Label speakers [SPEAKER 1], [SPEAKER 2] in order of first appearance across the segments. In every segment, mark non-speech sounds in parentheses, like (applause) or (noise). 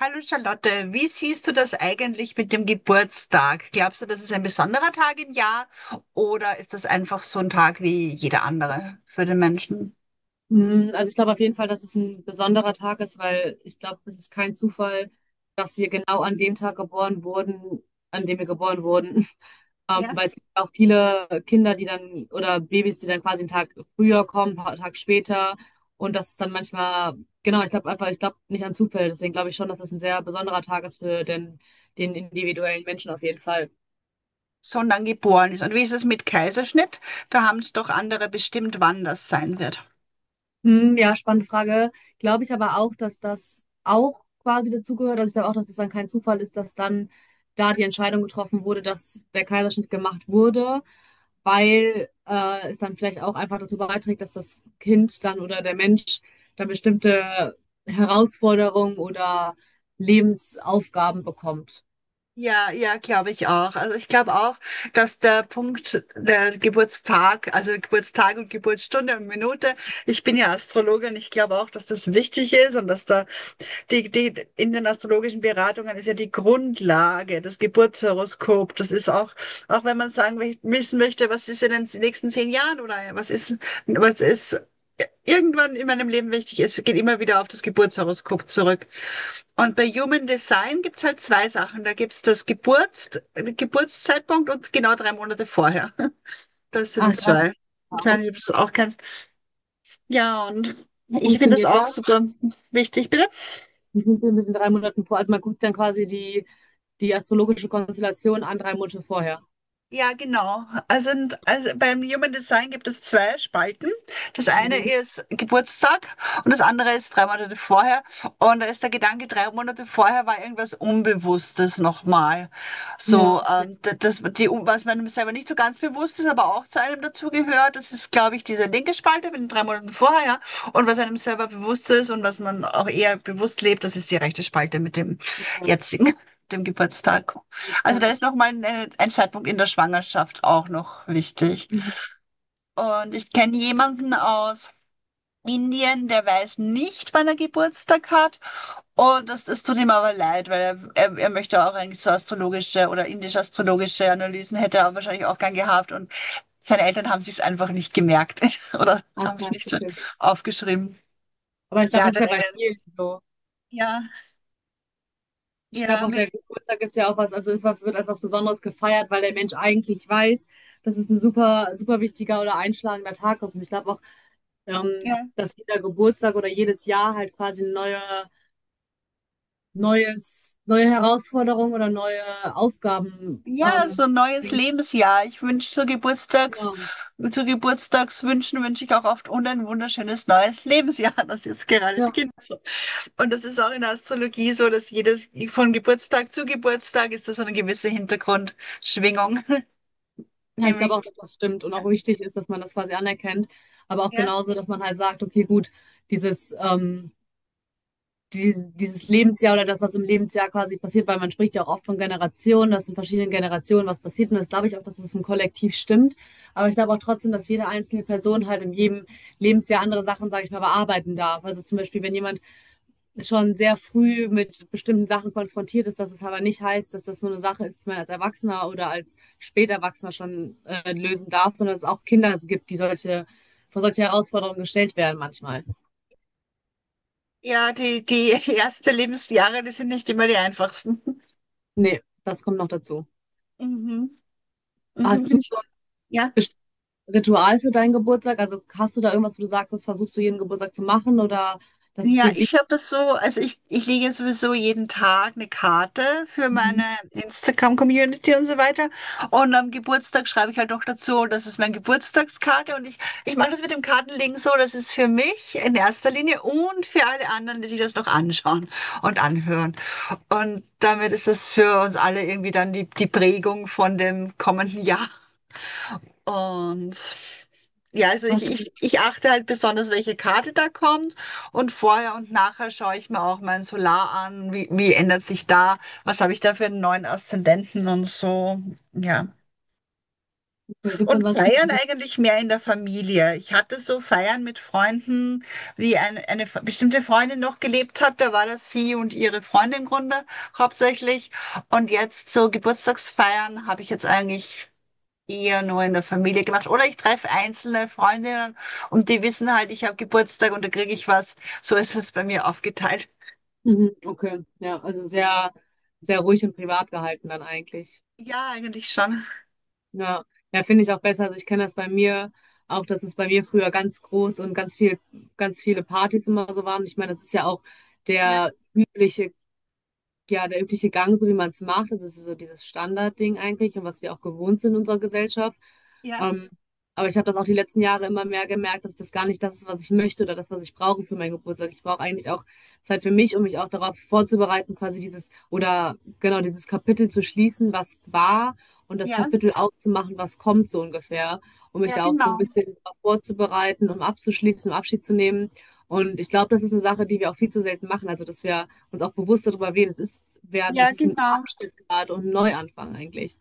[SPEAKER 1] Hallo Charlotte, wie siehst du das eigentlich mit dem Geburtstag? Glaubst du, das ist ein besonderer Tag im Jahr oder ist das einfach so ein Tag wie jeder andere für den Menschen,
[SPEAKER 2] Also ich glaube auf jeden Fall, dass es ein besonderer Tag ist, weil ich glaube, es ist kein Zufall, dass wir genau an dem Tag geboren wurden, an dem wir geboren wurden. (laughs)
[SPEAKER 1] der
[SPEAKER 2] Weil es gibt auch viele Kinder, die dann, oder Babys, die dann quasi einen Tag früher kommen, ein paar Tage später. Und das ist dann manchmal, genau, ich glaube einfach, ich glaube nicht an Zufälle. Deswegen glaube ich schon, dass es ein sehr besonderer Tag ist für den, den individuellen Menschen auf jeden Fall.
[SPEAKER 1] so lang geboren ist? Und wie ist es mit Kaiserschnitt? Da haben es doch andere bestimmt, wann das sein wird.
[SPEAKER 2] Hm, ja, spannende Frage. Glaube ich aber auch, dass das auch quasi dazugehört. Also ich glaube auch, dass es dann kein Zufall ist, dass dann da die Entscheidung getroffen wurde, dass der Kaiserschnitt gemacht wurde, weil es dann vielleicht auch einfach dazu beiträgt, dass das Kind dann oder der Mensch dann bestimmte Herausforderungen oder Lebensaufgaben bekommt.
[SPEAKER 1] Ja, ja, glaube ich auch. Also ich glaube auch, dass der Punkt, der Geburtstag, also Geburtstag und Geburtsstunde und Minute, ich bin ja Astrologin, ich glaube auch, dass das wichtig ist und dass da die in den astrologischen Beratungen ist ja die Grundlage, das Geburtshoroskop. Das ist auch, auch wenn man sagen, wissen möchte, was ist in den nächsten zehn Jahren oder was ist irgendwann in meinem Leben wichtig ist, geht immer wieder auf das Geburtshoroskop zurück. Und bei Human Design gibt's halt zwei Sachen. Da gibt's das Geburtszeitpunkt und genau drei Monate vorher. (laughs) Das
[SPEAKER 2] Ach,
[SPEAKER 1] sind
[SPEAKER 2] drei Monate
[SPEAKER 1] zwei. Ich weiß
[SPEAKER 2] auch.
[SPEAKER 1] nicht, ob du es auch kennst. Ja, und
[SPEAKER 2] Wie
[SPEAKER 1] ich finde das
[SPEAKER 2] funktioniert
[SPEAKER 1] auch
[SPEAKER 2] das?
[SPEAKER 1] super wichtig. Bitte?
[SPEAKER 2] Wie funktioniert das in drei Monaten vor? Also man guckt dann quasi die, die astrologische Konstellation an drei Monate vorher.
[SPEAKER 1] Ja, genau. Also beim Human Design gibt es zwei Spalten. Das eine ist Geburtstag und das andere ist drei Monate vorher. Und da ist der Gedanke, drei Monate vorher war irgendwas Unbewusstes nochmal.
[SPEAKER 2] Ja,
[SPEAKER 1] So,
[SPEAKER 2] auf jeden
[SPEAKER 1] die, was man selber nicht so ganz bewusst ist, aber auch zu einem dazugehört. Das ist, glaube ich, diese linke Spalte mit den drei Monaten vorher. Und was einem selber bewusst ist und was man auch eher bewusst lebt, das ist die rechte Spalte mit dem
[SPEAKER 2] Fall.
[SPEAKER 1] jetzigen, (laughs) dem Geburtstag. Also da ist
[SPEAKER 2] Entspannt.
[SPEAKER 1] noch mal ein Zeitpunkt in der Schwangerschaft auch noch wichtig.
[SPEAKER 2] Mhm.
[SPEAKER 1] Und ich kenne jemanden aus Indien, der weiß nicht, wann er Geburtstag hat. Und das tut ihm aber leid, weil er möchte auch eigentlich so astrologische oder indisch-astrologische Analysen hätte er wahrscheinlich auch gern gehabt. Und seine Eltern haben sich's einfach nicht gemerkt (laughs) oder haben es
[SPEAKER 2] Atmen.
[SPEAKER 1] nicht so aufgeschrieben.
[SPEAKER 2] Aber ich glaube,
[SPEAKER 1] Der
[SPEAKER 2] das
[SPEAKER 1] hat
[SPEAKER 2] ist
[SPEAKER 1] dann
[SPEAKER 2] ja bei
[SPEAKER 1] irgendeinen,
[SPEAKER 2] vielen so.
[SPEAKER 1] ja,
[SPEAKER 2] Ich
[SPEAKER 1] ja,
[SPEAKER 2] glaube auch,
[SPEAKER 1] mit-
[SPEAKER 2] der Geburtstag ist ja auch was, also ist was, wird als was Besonderes gefeiert, weil der Mensch eigentlich weiß, dass es ein super, super wichtiger oder einschlagender Tag ist. Und ich glaube auch, ähm,
[SPEAKER 1] ja.
[SPEAKER 2] dass jeder Geburtstag oder jedes Jahr halt quasi eine neue Herausforderung oder neue Aufgaben,
[SPEAKER 1] Ja, so ein neues
[SPEAKER 2] bringt.
[SPEAKER 1] Lebensjahr. Ich wünsche zu Geburtstags,
[SPEAKER 2] Genau.
[SPEAKER 1] Zu Geburtstagswünschen wünsche ich auch oft und ein wunderschönes neues Lebensjahr, (laughs) das jetzt gerade
[SPEAKER 2] Ja.
[SPEAKER 1] beginnt. So. Und das ist auch in der Astrologie so, dass jedes von Geburtstag zu Geburtstag ist das so eine gewisse Hintergrundschwingung. (laughs)
[SPEAKER 2] Ja, ich glaube
[SPEAKER 1] Nämlich,
[SPEAKER 2] auch, dass das stimmt und auch wichtig ist, dass man das quasi anerkennt, aber auch
[SPEAKER 1] ja,
[SPEAKER 2] genauso, dass man halt sagt, okay, gut, dieses, ähm, dieses Lebensjahr oder das, was im Lebensjahr quasi passiert, weil man spricht ja auch oft von Generationen, dass in verschiedenen Generationen was passiert und das glaube ich auch, dass es im Kollektiv stimmt, aber ich glaube auch trotzdem, dass jede einzelne Person halt in jedem Lebensjahr andere Sachen, sage ich mal, bearbeiten darf. Also zum Beispiel, wenn jemand schon sehr früh mit bestimmten Sachen konfrontiert ist, dass es aber nicht heißt, dass das nur eine Sache ist, die man als Erwachsener oder als Späterwachsener schon lösen darf, sondern dass es auch Kinder gibt, die solche, vor solche Herausforderungen gestellt werden manchmal.
[SPEAKER 1] ja, die ersten Lebensjahre, die sind nicht immer die einfachsten.
[SPEAKER 2] Das kommt noch dazu.
[SPEAKER 1] Mhm. Mhm.
[SPEAKER 2] Hast du
[SPEAKER 1] Ja.
[SPEAKER 2] ein Ritual für deinen Geburtstag? Also hast du da irgendwas, wo du sagst, das versuchst du jeden Geburtstag zu machen oder das ist
[SPEAKER 1] Ja,
[SPEAKER 2] dir
[SPEAKER 1] ich
[SPEAKER 2] wichtig?
[SPEAKER 1] habe das so, also ich lege ja sowieso jeden Tag eine Karte für meine
[SPEAKER 2] Mhm.
[SPEAKER 1] Instagram-Community und so weiter. Und am Geburtstag schreibe ich halt noch dazu, das ist meine Geburtstagskarte. Und ich mache das mit dem Kartenlegen so, das ist für mich in erster Linie und für alle anderen, die sich das noch anschauen und anhören. Und damit ist das für uns alle irgendwie dann die Prägung von dem kommenden Jahr. Und ja, also
[SPEAKER 2] Hast du, okay.
[SPEAKER 1] ich achte halt besonders, welche Karte da kommt. Und vorher und nachher schaue ich mir auch mein Solar an. Wie ändert sich da? Was habe ich da für einen neuen Aszendenten und so? Ja.
[SPEAKER 2] Gibt es
[SPEAKER 1] Und feiern
[SPEAKER 2] ansonsten?
[SPEAKER 1] eigentlich mehr in der Familie. Ich hatte so Feiern mit Freunden, wie eine bestimmte Freundin noch gelebt hat. Da war das sie und ihre Freundin im Grunde hauptsächlich. Und jetzt so Geburtstagsfeiern habe ich jetzt eigentlich eher nur in der Familie gemacht. Oder ich treffe einzelne Freundinnen und die wissen halt, ich habe Geburtstag und da kriege ich was. So ist es bei mir aufgeteilt.
[SPEAKER 2] Mhm. Okay, ja, also sehr, sehr ruhig und privat gehalten dann eigentlich.
[SPEAKER 1] Ja, eigentlich schon.
[SPEAKER 2] Ja, ja, finde ich auch besser. Also ich kenne das bei mir auch, dass es bei mir früher ganz groß und ganz viel, ganz viele Partys immer so waren. Ich meine, das ist ja auch
[SPEAKER 1] Ja,
[SPEAKER 2] der übliche Gang, so wie man es macht, das ist so dieses Standardding eigentlich und was wir auch gewohnt sind in unserer Gesellschaft.
[SPEAKER 1] ja,
[SPEAKER 2] Ähm, aber ich habe das auch die letzten Jahre immer mehr gemerkt, dass das gar nicht das ist, was ich möchte oder das, was ich brauche für meinen Geburtstag. Ich brauche eigentlich auch Zeit für mich, um mich auch darauf vorzubereiten, quasi dieses oder genau dieses Kapitel zu schließen, was war und das
[SPEAKER 1] ja,
[SPEAKER 2] Kapitel aufzumachen, was kommt so ungefähr, um mich
[SPEAKER 1] ja,
[SPEAKER 2] da auch so ein
[SPEAKER 1] genau.
[SPEAKER 2] bisschen drauf vorzubereiten, um abzuschließen, um Abschied zu nehmen. Und ich glaube, das ist eine Sache, die wir auch viel zu selten machen. Also, dass wir uns auch bewusst darüber werden. Es ist werden, es
[SPEAKER 1] Ja,
[SPEAKER 2] ist ein
[SPEAKER 1] genau.
[SPEAKER 2] Abschnitt gerade und ein Neuanfang eigentlich.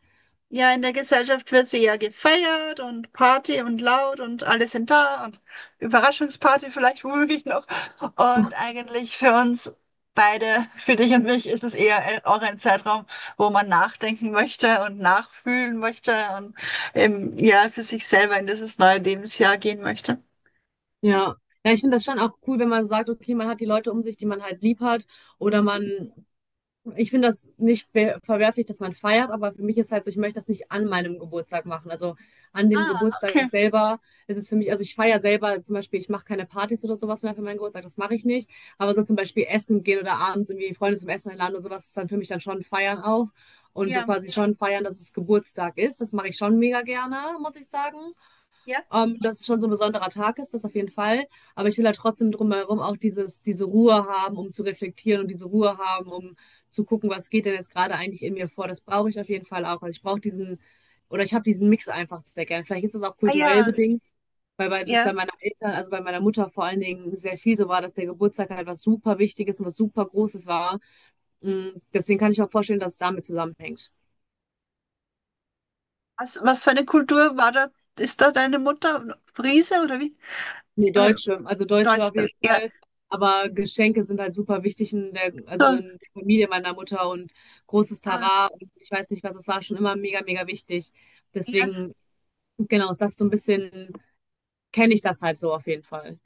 [SPEAKER 1] Ja, in der Gesellschaft wird sie ja gefeiert und Party und laut und alle sind da und Überraschungsparty vielleicht womöglich noch. Und eigentlich für uns beide, für dich und mich, ist es eher auch ein Zeitraum, wo man nachdenken möchte und nachfühlen möchte und ja, für sich selber in dieses neue Lebensjahr gehen möchte.
[SPEAKER 2] Ja. Ja, ich finde das schon auch cool, wenn man sagt, okay, man hat die Leute um sich, die man halt lieb hat, oder man ich finde das nicht be- verwerflich, dass man feiert, aber für mich ist halt so, ich möchte das nicht an meinem Geburtstag machen. Also an dem
[SPEAKER 1] Ah,
[SPEAKER 2] Geburtstag
[SPEAKER 1] okay.
[SPEAKER 2] selber ist es für mich, also ich feiere selber zum Beispiel, ich mache keine Partys oder sowas mehr für meinen Geburtstag, das mache ich nicht. Aber so zum Beispiel essen gehen oder abends irgendwie Freunde zum Essen einladen oder sowas, ist dann für mich dann schon feiern auch. Und so
[SPEAKER 1] Ja,
[SPEAKER 2] quasi schon feiern, dass es Geburtstag ist. Das mache ich schon mega gerne, muss ich sagen.
[SPEAKER 1] ja.
[SPEAKER 2] Dass es schon so ein besonderer Tag ist, das auf jeden Fall. Aber ich will halt trotzdem drumherum auch dieses, diese Ruhe haben, um zu reflektieren und diese Ruhe haben, um zu gucken, was geht denn jetzt gerade eigentlich in mir vor. Das brauche ich auf jeden Fall auch. Also ich brauche diesen, oder ich habe diesen Mix einfach sehr gern. Vielleicht ist das auch
[SPEAKER 1] Ah
[SPEAKER 2] kulturell
[SPEAKER 1] ja,
[SPEAKER 2] bedingt, weil bei, das
[SPEAKER 1] ja.
[SPEAKER 2] bei meinen Eltern, also bei meiner Mutter vor allen Dingen sehr viel so war, dass der Geburtstag halt was super Wichtiges und was super Großes war. Deswegen kann ich mir auch vorstellen, dass es damit zusammenhängt.
[SPEAKER 1] Was für eine Kultur war da? Ist da deine Mutter Friese oder wie?
[SPEAKER 2] Nee,
[SPEAKER 1] Oder
[SPEAKER 2] Deutsche, also Deutsche
[SPEAKER 1] Deutsch?
[SPEAKER 2] auf jeden
[SPEAKER 1] Ja,
[SPEAKER 2] Fall. Aber Geschenke sind halt super wichtig in der, also
[SPEAKER 1] so.
[SPEAKER 2] in der Familie meiner Mutter und großes
[SPEAKER 1] Ah,
[SPEAKER 2] Tara und ich weiß nicht was, es war schon immer mega, mega wichtig.
[SPEAKER 1] ja,
[SPEAKER 2] Deswegen, genau, ist das so ein bisschen, kenne ich das halt so auf jeden Fall.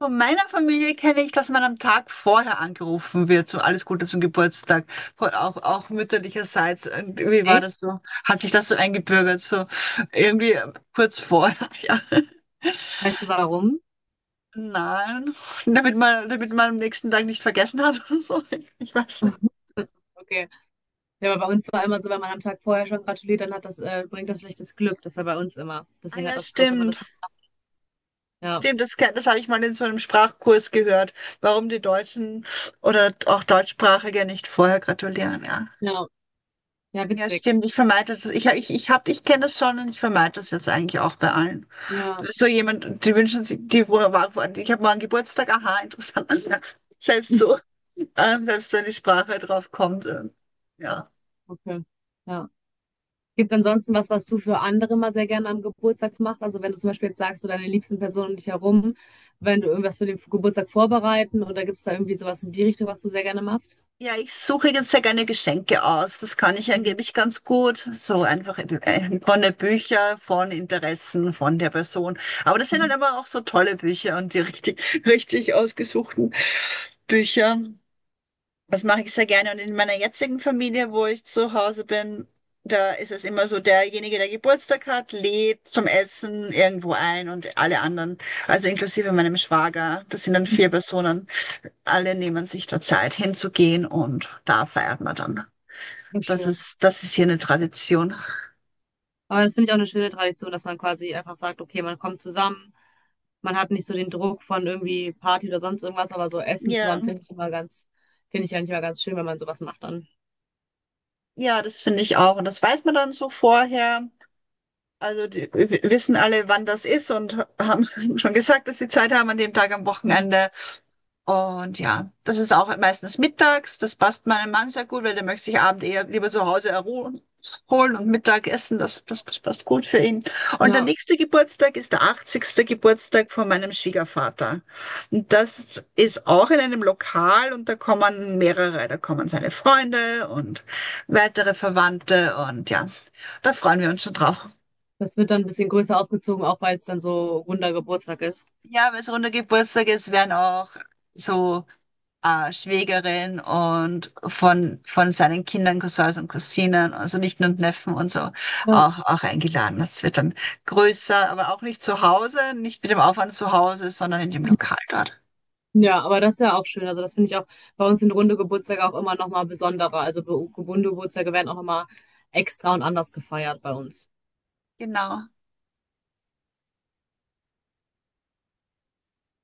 [SPEAKER 1] von meiner Familie kenne ich, dass man am Tag vorher angerufen wird, so alles Gute zum Geburtstag, auch, auch mütterlicherseits. Und wie war
[SPEAKER 2] Echt?
[SPEAKER 1] das so? Hat sich das so eingebürgert, so irgendwie kurz vorher? (laughs) Ja.
[SPEAKER 2] Weißt du warum?
[SPEAKER 1] Nein, damit man am nächsten Tag nicht vergessen hat oder so. (laughs) Ich weiß nicht.
[SPEAKER 2] (laughs) Okay. Ja, aber bei uns war immer so, wenn man am Tag vorher schon gratuliert, dann hat das, bringt das schlechtes Glück. Das war bei uns immer.
[SPEAKER 1] Ah
[SPEAKER 2] Deswegen hat
[SPEAKER 1] ja,
[SPEAKER 2] das dort immer das.
[SPEAKER 1] stimmt.
[SPEAKER 2] Ja.
[SPEAKER 1] Stimmt, das habe ich mal in so einem Sprachkurs gehört, warum die Deutschen oder auch Deutschsprachige nicht vorher gratulieren. Ja.
[SPEAKER 2] Ja. Ja,
[SPEAKER 1] Ja,
[SPEAKER 2] witzig.
[SPEAKER 1] stimmt. Ich vermeide das. Ich hab, ich kenne das schon und ich vermeide das jetzt eigentlich auch bei allen.
[SPEAKER 2] Ja.
[SPEAKER 1] So jemand, die wünschen sich, ich habe morgen Geburtstag, aha, (laughs) interessant. Ja, Selbst so,
[SPEAKER 2] (laughs)
[SPEAKER 1] selbst wenn die Sprache drauf kommt. Ja.
[SPEAKER 2] Okay. Ja. Gibt es ansonsten was, was du für andere mal sehr gerne am Geburtstag machst? Also wenn du zum Beispiel jetzt sagst, so deine liebsten Personen um dich herum, wenn du irgendwas für den Geburtstag vorbereiten oder gibt es da irgendwie sowas in die Richtung, was du sehr gerne machst?
[SPEAKER 1] Ja, ich suche jetzt sehr gerne Geschenke aus. Das kann ich
[SPEAKER 2] Mhm.
[SPEAKER 1] angeblich ganz gut. So einfach von den Büchern, von Interessen, von der Person. Aber das sind dann immer auch so tolle Bücher und (laughs) richtig ausgesuchten Bücher. Das mache ich sehr gerne. Und in meiner jetzigen Familie, wo ich zu Hause bin, da ist es immer so, derjenige, der Geburtstag hat, lädt zum Essen irgendwo ein und alle anderen, also inklusive meinem Schwager, das sind dann vier Personen, alle nehmen sich da Zeit hinzugehen und da feiert man dann.
[SPEAKER 2] Ja, schön.
[SPEAKER 1] Das ist hier eine Tradition.
[SPEAKER 2] Aber das finde ich auch eine schöne Tradition, dass man quasi einfach sagt, okay, man kommt zusammen, man hat nicht so den Druck von irgendwie Party oder sonst irgendwas, aber so Essen
[SPEAKER 1] Ja,
[SPEAKER 2] zusammen finde ich immer ganz, finde ich eigentlich immer ganz schön, wenn man sowas macht dann.
[SPEAKER 1] ja, das finde ich auch. Und das weiß man dann so vorher. Also wissen alle, wann das ist und haben (laughs) schon gesagt, dass sie Zeit haben an dem Tag am
[SPEAKER 2] Mhm.
[SPEAKER 1] Wochenende. Und ja, das ist auch meistens mittags. Das passt meinem Mann sehr gut, weil der möchte sich abend eher lieber zu Hause erholen holen und Mittag essen. Das passt gut für ihn. Und der
[SPEAKER 2] Ja,
[SPEAKER 1] nächste Geburtstag ist der 80. Geburtstag von meinem Schwiegervater. Und das ist auch in einem Lokal und da kommen mehrere. Da kommen seine Freunde und weitere Verwandte und ja, da freuen wir uns schon drauf.
[SPEAKER 2] das wird dann ein bisschen größer aufgezogen, auch weil es dann so runder Geburtstag ist.
[SPEAKER 1] Ja, weil es runder Geburtstag ist, werden auch so Schwägerin und von seinen Kindern, Cousins und Cousinen, also Nichten und Neffen und so,
[SPEAKER 2] Ja.
[SPEAKER 1] auch eingeladen. Das wird dann größer, aber auch nicht zu Hause, nicht mit dem Aufwand zu Hause, sondern in dem Lokal dort.
[SPEAKER 2] Ja, aber das ist ja auch schön. Also das finde ich auch bei uns sind runde Geburtstage auch immer nochmal besonderer. Also be- runde Geburtstage werden auch nochmal extra und anders gefeiert bei uns.
[SPEAKER 1] Genau.